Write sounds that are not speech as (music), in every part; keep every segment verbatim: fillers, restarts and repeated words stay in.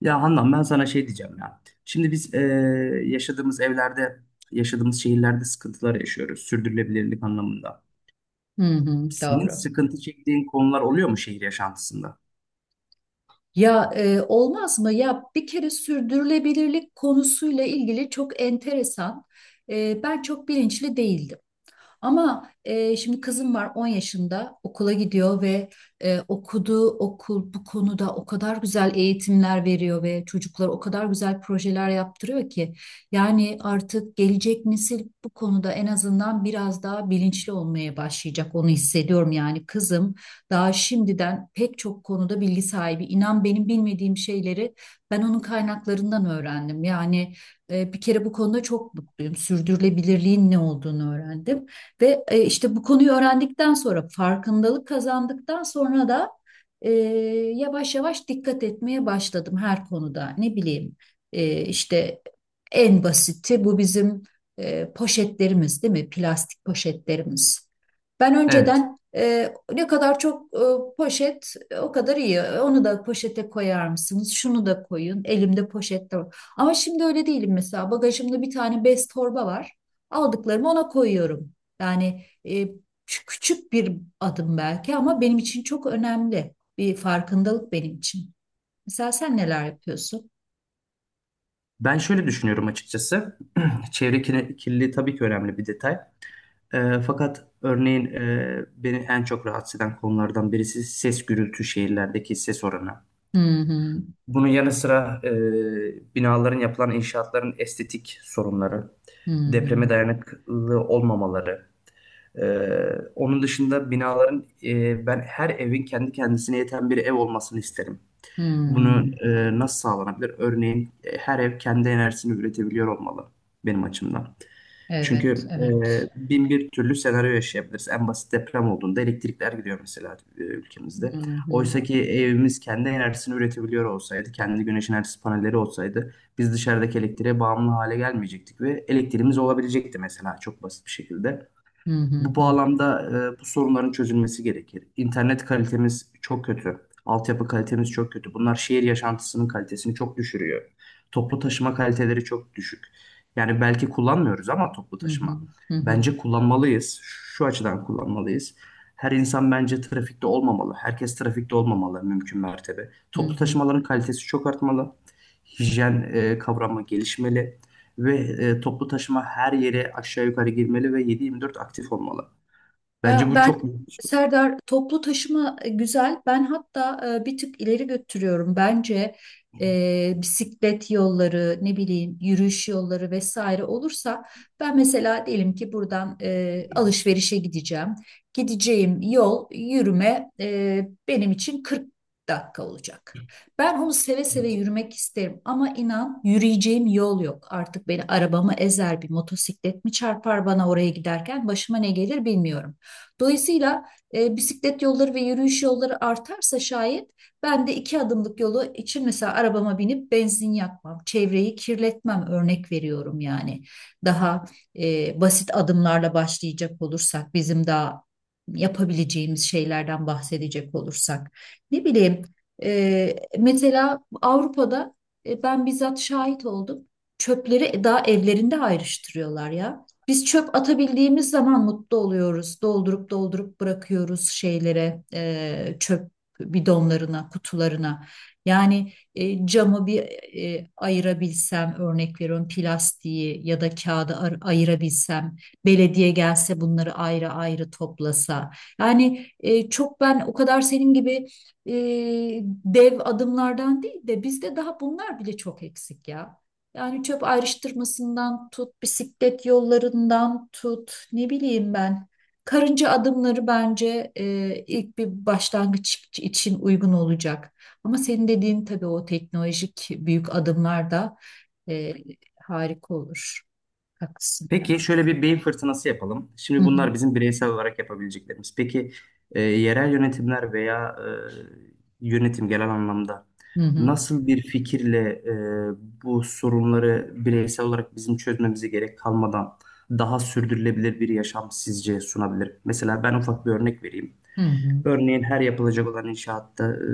Ya Handan ben sana şey diyeceğim ya. Şimdi biz e, yaşadığımız evlerde, yaşadığımız şehirlerde sıkıntılar yaşıyoruz. Sürdürülebilirlik anlamında. Hı hı, Senin doğru. sıkıntı çektiğin konular oluyor mu şehir yaşantısında? Ya e, olmaz mı? Ya bir kere sürdürülebilirlik konusuyla ilgili çok enteresan. E, ben çok bilinçli değildim. Ama e, şimdi kızım var, on yaşında okula gidiyor ve e, okuduğu okul bu konuda o kadar güzel eğitimler veriyor ve çocuklara o kadar güzel projeler yaptırıyor ki yani artık gelecek nesil bu konuda en azından biraz daha bilinçli olmaya başlayacak, onu hissediyorum. Yani kızım daha şimdiden pek çok konuda bilgi sahibi. İnan, benim bilmediğim şeyleri ben onun kaynaklarından öğrendim. Yani e, bir kere bu konuda çok mutluyum, sürdürülebilirliğin ne olduğunu öğrendim. Ve e, işte bu konuyu öğrendikten sonra, farkındalık kazandıktan sonra da e, yavaş yavaş dikkat etmeye başladım her konuda. Ne bileyim, e, işte en basiti bu bizim e, poşetlerimiz, değil mi? Plastik poşetlerimiz. Ben Evet. önceden e, ne kadar çok e, poşet, e, o kadar iyi. Onu da poşete koyar mısınız? Şunu da koyun. Elimde poşet de var. Ama şimdi öyle değilim mesela. Bagajımda bir tane bez torba var. Aldıklarımı ona koyuyorum. Yani e, çü- küçük bir adım belki, ama benim için çok önemli bir farkındalık, benim için. Mesela sen neler yapıyorsun? Ben şöyle düşünüyorum açıkçası. (clears throat) Çevre kirli- kirliliği tabii ki önemli bir detay. E, fakat örneğin e, beni en çok rahatsız eden konulardan birisi ses gürültü şehirlerdeki ses oranı. Hı hı, Bunun yanı sıra e, binaların yapılan inşaatların estetik sorunları, hı hı, depreme dayanıklı olmamaları. e, Onun dışında binaların e, ben her evin kendi kendisine yeten bir ev olmasını isterim. Bunu hı. e, nasıl sağlanabilir? Örneğin e, her ev kendi enerjisini üretebiliyor olmalı benim açımdan. Evet, Çünkü evet. e, bin bir türlü senaryo yaşayabiliriz. En basit deprem olduğunda elektrikler gidiyor mesela e, ülkemizde. Hı hı, Oysa ki evimiz kendi enerjisini üretebiliyor olsaydı, kendi güneş enerjisi panelleri olsaydı biz dışarıdaki elektriğe bağımlı hale gelmeyecektik ve elektriğimiz olabilecekti mesela çok basit bir şekilde. hı hı, Bu hı bağlamda e, bu sorunların çözülmesi gerekir. İnternet kalitemiz çok kötü. Altyapı kalitemiz çok kötü. Bunlar şehir yaşantısının kalitesini çok düşürüyor. Toplu taşıma kaliteleri çok düşük. Yani belki kullanmıyoruz ama toplu hı, taşıma. hı hı, Bence kullanmalıyız. Şu açıdan kullanmalıyız. Her insan bence trafikte olmamalı. Herkes trafikte olmamalı mümkün mertebe. hı Toplu hı. taşımaların kalitesi çok artmalı. Hijyen e, kavramı gelişmeli ve e, toplu taşıma her yere aşağı yukarı girmeli ve yedi yirmi dört aktif olmalı. Ya Bence bu ben çok büyük bir şey. Serdar, toplu taşıma e, güzel. Ben hatta e, bir tık ileri götürüyorum. Bence e, bisiklet yolları, ne bileyim, yürüyüş yolları vesaire olursa, ben mesela diyelim ki buradan e, alışverişe gideceğim. Gideceğim yol yürüme, e, benim için 40 dakika olacak. Ben onu seve seve Evet. yürümek isterim, ama inan yürüyeceğim yol yok. Artık beni arabamı ezer, bir motosiklet mi çarpar, bana oraya giderken başıma ne gelir bilmiyorum. Dolayısıyla e, bisiklet yolları ve yürüyüş yolları artarsa şayet, ben de iki adımlık yolu için mesela arabama binip benzin yakmam, çevreyi kirletmem, örnek veriyorum yani. Daha e, basit adımlarla başlayacak olursak, bizim daha yapabileceğimiz şeylerden bahsedecek olursak. Ne bileyim, e, mesela Avrupa'da e, ben bizzat şahit oldum. Çöpleri daha evlerinde ayrıştırıyorlar ya. Biz çöp atabildiğimiz zaman mutlu oluyoruz. Doldurup doldurup bırakıyoruz şeylere, e, çöp bidonlarına, kutularına. Yani e, camı bir e, ayırabilsem, örnek veriyorum, plastiği ya da kağıdı ar- ayırabilsem, belediye gelse bunları ayrı ayrı toplasa. Yani e, çok, ben o kadar senin gibi e, dev adımlardan değil de, bizde daha bunlar bile çok eksik ya. Yani çöp ayrıştırmasından tut, bisiklet yollarından tut, ne bileyim ben. Karınca adımları bence e, ilk bir başlangıç için uygun olacak. Ama senin dediğin tabii o teknolojik büyük adımlar da e, harika olur. Haklısın ya. Peki şöyle bir beyin fırtınası yapalım. Hı Şimdi hı, bunlar bizim bireysel olarak yapabileceklerimiz. Peki e, yerel yönetimler veya e, yönetim genel anlamda hı hı, nasıl bir fikirle e, bu sorunları bireysel olarak bizim çözmemize gerek kalmadan daha sürdürülebilir bir yaşam sizce sunabilir? Mesela ben ufak bir örnek vereyim. hı hı, Örneğin her yapılacak olan inşaatta e,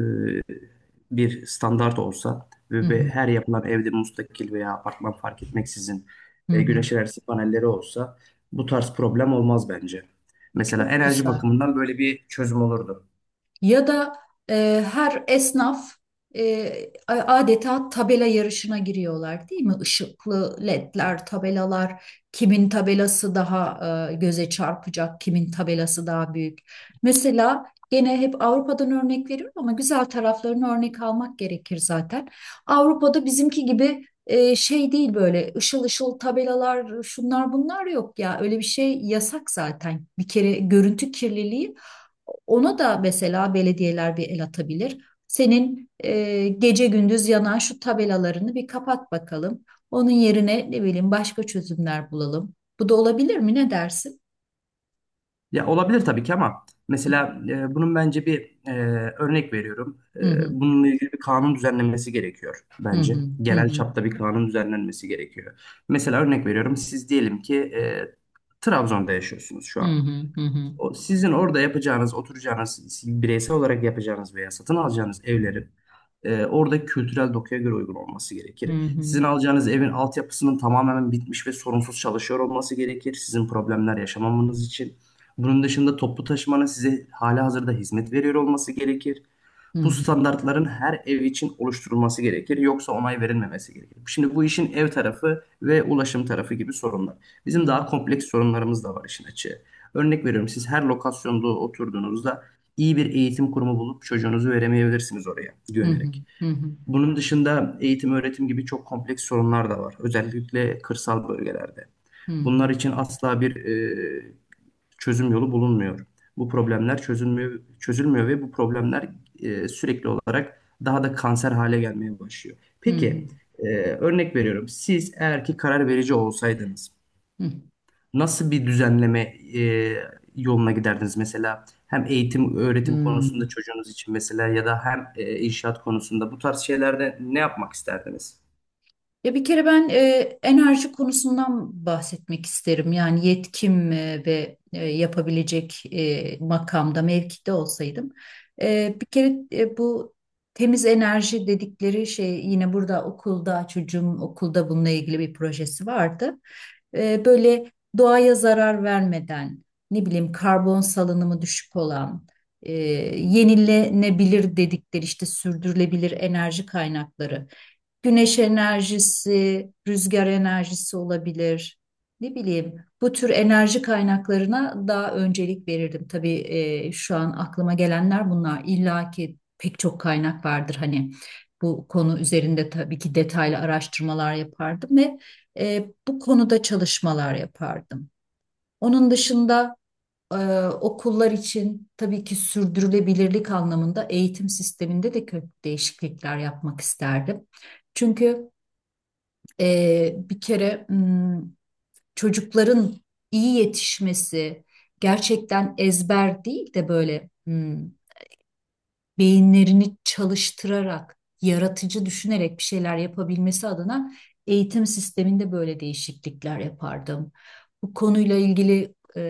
bir standart olsa hı ve ve hı, her yapılan evde müstakil veya apartman fark etmeksizin hı e, hı. güneş enerjisi panelleri olsa bu tarz problem olmaz bence. Mesela Çok enerji güzel. bakımından böyle bir çözüm olurdu. Ya da e, her esnaf e, a- adeta tabela yarışına giriyorlar, değil mi? Işıklı ledler, tabelalar, kimin tabelası daha e, göze çarpacak, kimin tabelası daha büyük. Mesela gene hep Avrupa'dan örnek veriyorum, ama güzel taraflarını örnek almak gerekir zaten. Avrupa'da bizimki gibi e, şey değil, böyle ışıl ışıl tabelalar, şunlar bunlar yok ya, öyle bir şey yasak zaten. Bir kere görüntü kirliliği, ona da mesela belediyeler bir el atabilir. Senin e, gece gündüz yanan şu tabelalarını bir kapat bakalım. Onun yerine, ne bileyim, başka çözümler bulalım. Bu da olabilir mi? Ne dersin? Ya olabilir tabii ki ama Hı mesela e, bunun bence bir e, örnek veriyorum. E, hı, hı Bununla ilgili bir kanun düzenlenmesi gerekiyor hı, bence. hı Genel hı, çapta bir kanun düzenlenmesi gerekiyor. Mesela örnek veriyorum siz diyelim ki e, Trabzon'da yaşıyorsunuz şu hı an. hı, hı hı, O sizin orada yapacağınız, oturacağınız, bireysel olarak yapacağınız veya satın alacağınız evlerin e, orada kültürel dokuya göre uygun olması hı gerekir. hı, hı Sizin alacağınız evin altyapısının tamamen bitmiş ve sorunsuz çalışıyor olması gerekir. Sizin problemler yaşamamanız için. Bunun dışında toplu taşımanın size halihazırda hizmet veriyor olması gerekir. hı, Bu hı standartların her ev için oluşturulması gerekir, yoksa onay verilmemesi gerekir. Şimdi bu işin ev tarafı ve ulaşım tarafı gibi sorunlar. Bizim hı, daha kompleks sorunlarımız da var işin açığı. Örnek veriyorum, siz her lokasyonda oturduğunuzda iyi bir eğitim kurumu bulup çocuğunuzu veremeyebilirsiniz oraya hı güvenerek. hı, hı Bunun dışında eğitim öğretim gibi çok kompleks sorunlar da var. Özellikle kırsal bölgelerde. hı, Bunlar için asla bir e, çözüm yolu bulunmuyor. Bu problemler çözülmüyor, çözülmüyor ve bu problemler e, sürekli olarak daha da kanser hale gelmeye başlıyor. hı Peki, e, örnek veriyorum. Siz eğer ki karar verici olsaydınız hı, hı. nasıl bir düzenleme e, yoluna giderdiniz? Mesela hem eğitim, öğretim Hı. konusunda çocuğunuz için mesela ya da hem e, inşaat konusunda bu tarz şeylerde ne yapmak isterdiniz? Ya bir kere ben e, enerji konusundan bahsetmek isterim. Yani yetkim e, ve e, yapabilecek e, makamda, mevkide olsaydım. E, bir kere e, bu temiz enerji dedikleri şey, yine burada okulda, çocuğum okulda bununla ilgili bir projesi vardı. E, böyle doğaya zarar vermeden, ne bileyim karbon salınımı düşük olan, e, yenilenebilir dedikleri, işte sürdürülebilir enerji kaynakları. Güneş enerjisi, rüzgar enerjisi olabilir. Ne bileyim, bu tür enerji kaynaklarına daha öncelik verirdim. Tabii e, şu an aklıma gelenler bunlar. İlla ki pek çok kaynak vardır hani. Bu konu üzerinde tabii ki detaylı araştırmalar yapardım ve e, bu konuda çalışmalar yapardım. Onun dışında e, okullar için tabii ki sürdürülebilirlik anlamında eğitim sisteminde de köklü değişiklikler yapmak isterdim. Çünkü ee, bir kere, hmm, çocukların iyi yetişmesi, gerçekten ezber değil de böyle, hmm, beyinlerini çalıştırarak, yaratıcı düşünerek bir şeyler yapabilmesi adına, eğitim sisteminde böyle değişiklikler yapardım. Bu konuyla ilgili e,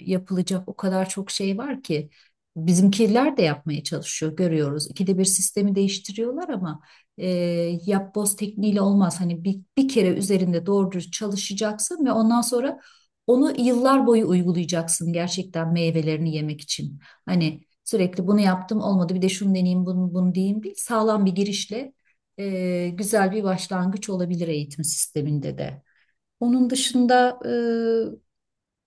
yapılacak o kadar çok şey var ki, bizimkiler de yapmaya çalışıyor, görüyoruz. İkide bir sistemi değiştiriyorlar ama e, yapboz tekniğiyle olmaz. Hani bir, bir kere üzerinde doğru dürüst çalışacaksın ve ondan sonra onu yıllar boyu uygulayacaksın, gerçekten meyvelerini yemek için. Hani sürekli bunu yaptım, olmadı, bir de şunu deneyeyim, bunu, bunu diyeyim değil. Sağlam bir girişle e, güzel bir başlangıç olabilir eğitim sisteminde de. Onun dışında, e,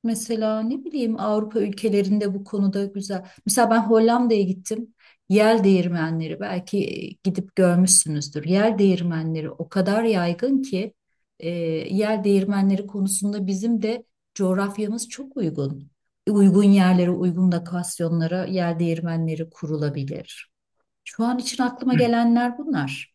mesela ne bileyim, Avrupa ülkelerinde bu konuda güzel. Mesela ben Hollanda'ya gittim. Yel değirmenleri belki e, gidip görmüşsünüzdür. Yel değirmenleri o kadar yaygın ki, e, yel değirmenleri konusunda bizim de coğrafyamız çok uygun. Uygun yerlere, uygun lokasyonlara yel değirmenleri kurulabilir. Şu an için aklıma gelenler bunlar.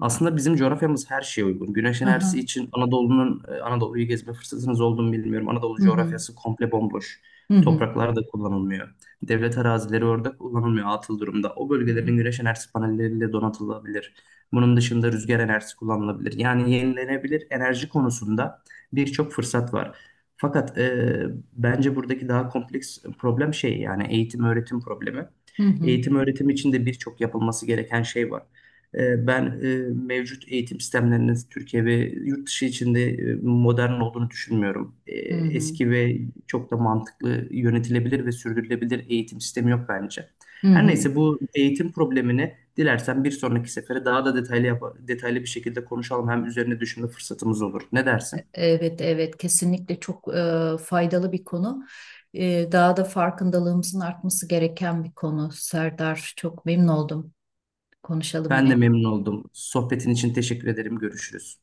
Aslında bizim coğrafyamız her şeye uygun. Güneş enerjisi Aha. için Anadolu'nun e, Anadolu'yu gezme fırsatınız olduğunu bilmiyorum. Anadolu Hı hı. coğrafyası komple bomboş. Hı hı. Topraklar da kullanılmıyor. Devlet arazileri orada kullanılmıyor atıl durumda. O Hı hı. bölgelerin güneş enerjisi panelleriyle donatılabilir. Bunun dışında rüzgar enerjisi kullanılabilir. Yani yenilenebilir enerji konusunda birçok fırsat var. Fakat e, bence buradaki daha kompleks problem şey yani eğitim öğretim problemi. Hı hı. Eğitim öğretim için de birçok yapılması gereken şey var. E, Ben e, mevcut eğitim sistemlerinin Türkiye ve yurt dışı içinde e, modern olduğunu düşünmüyorum. E, Hı hı. Eski ve çok da mantıklı yönetilebilir ve sürdürülebilir eğitim sistemi yok bence. Hı Her hı. neyse bu eğitim problemini dilersen bir sonraki sefere daha da detaylı yap- detaylı bir şekilde konuşalım. Hem üzerine düşünme fırsatımız olur. Ne dersin? Evet, evet, kesinlikle çok e, faydalı bir konu. E, daha da farkındalığımızın artması gereken bir konu. Serdar, çok memnun oldum. Konuşalım Ben de yine. memnun oldum. Sohbetin için teşekkür ederim. Görüşürüz.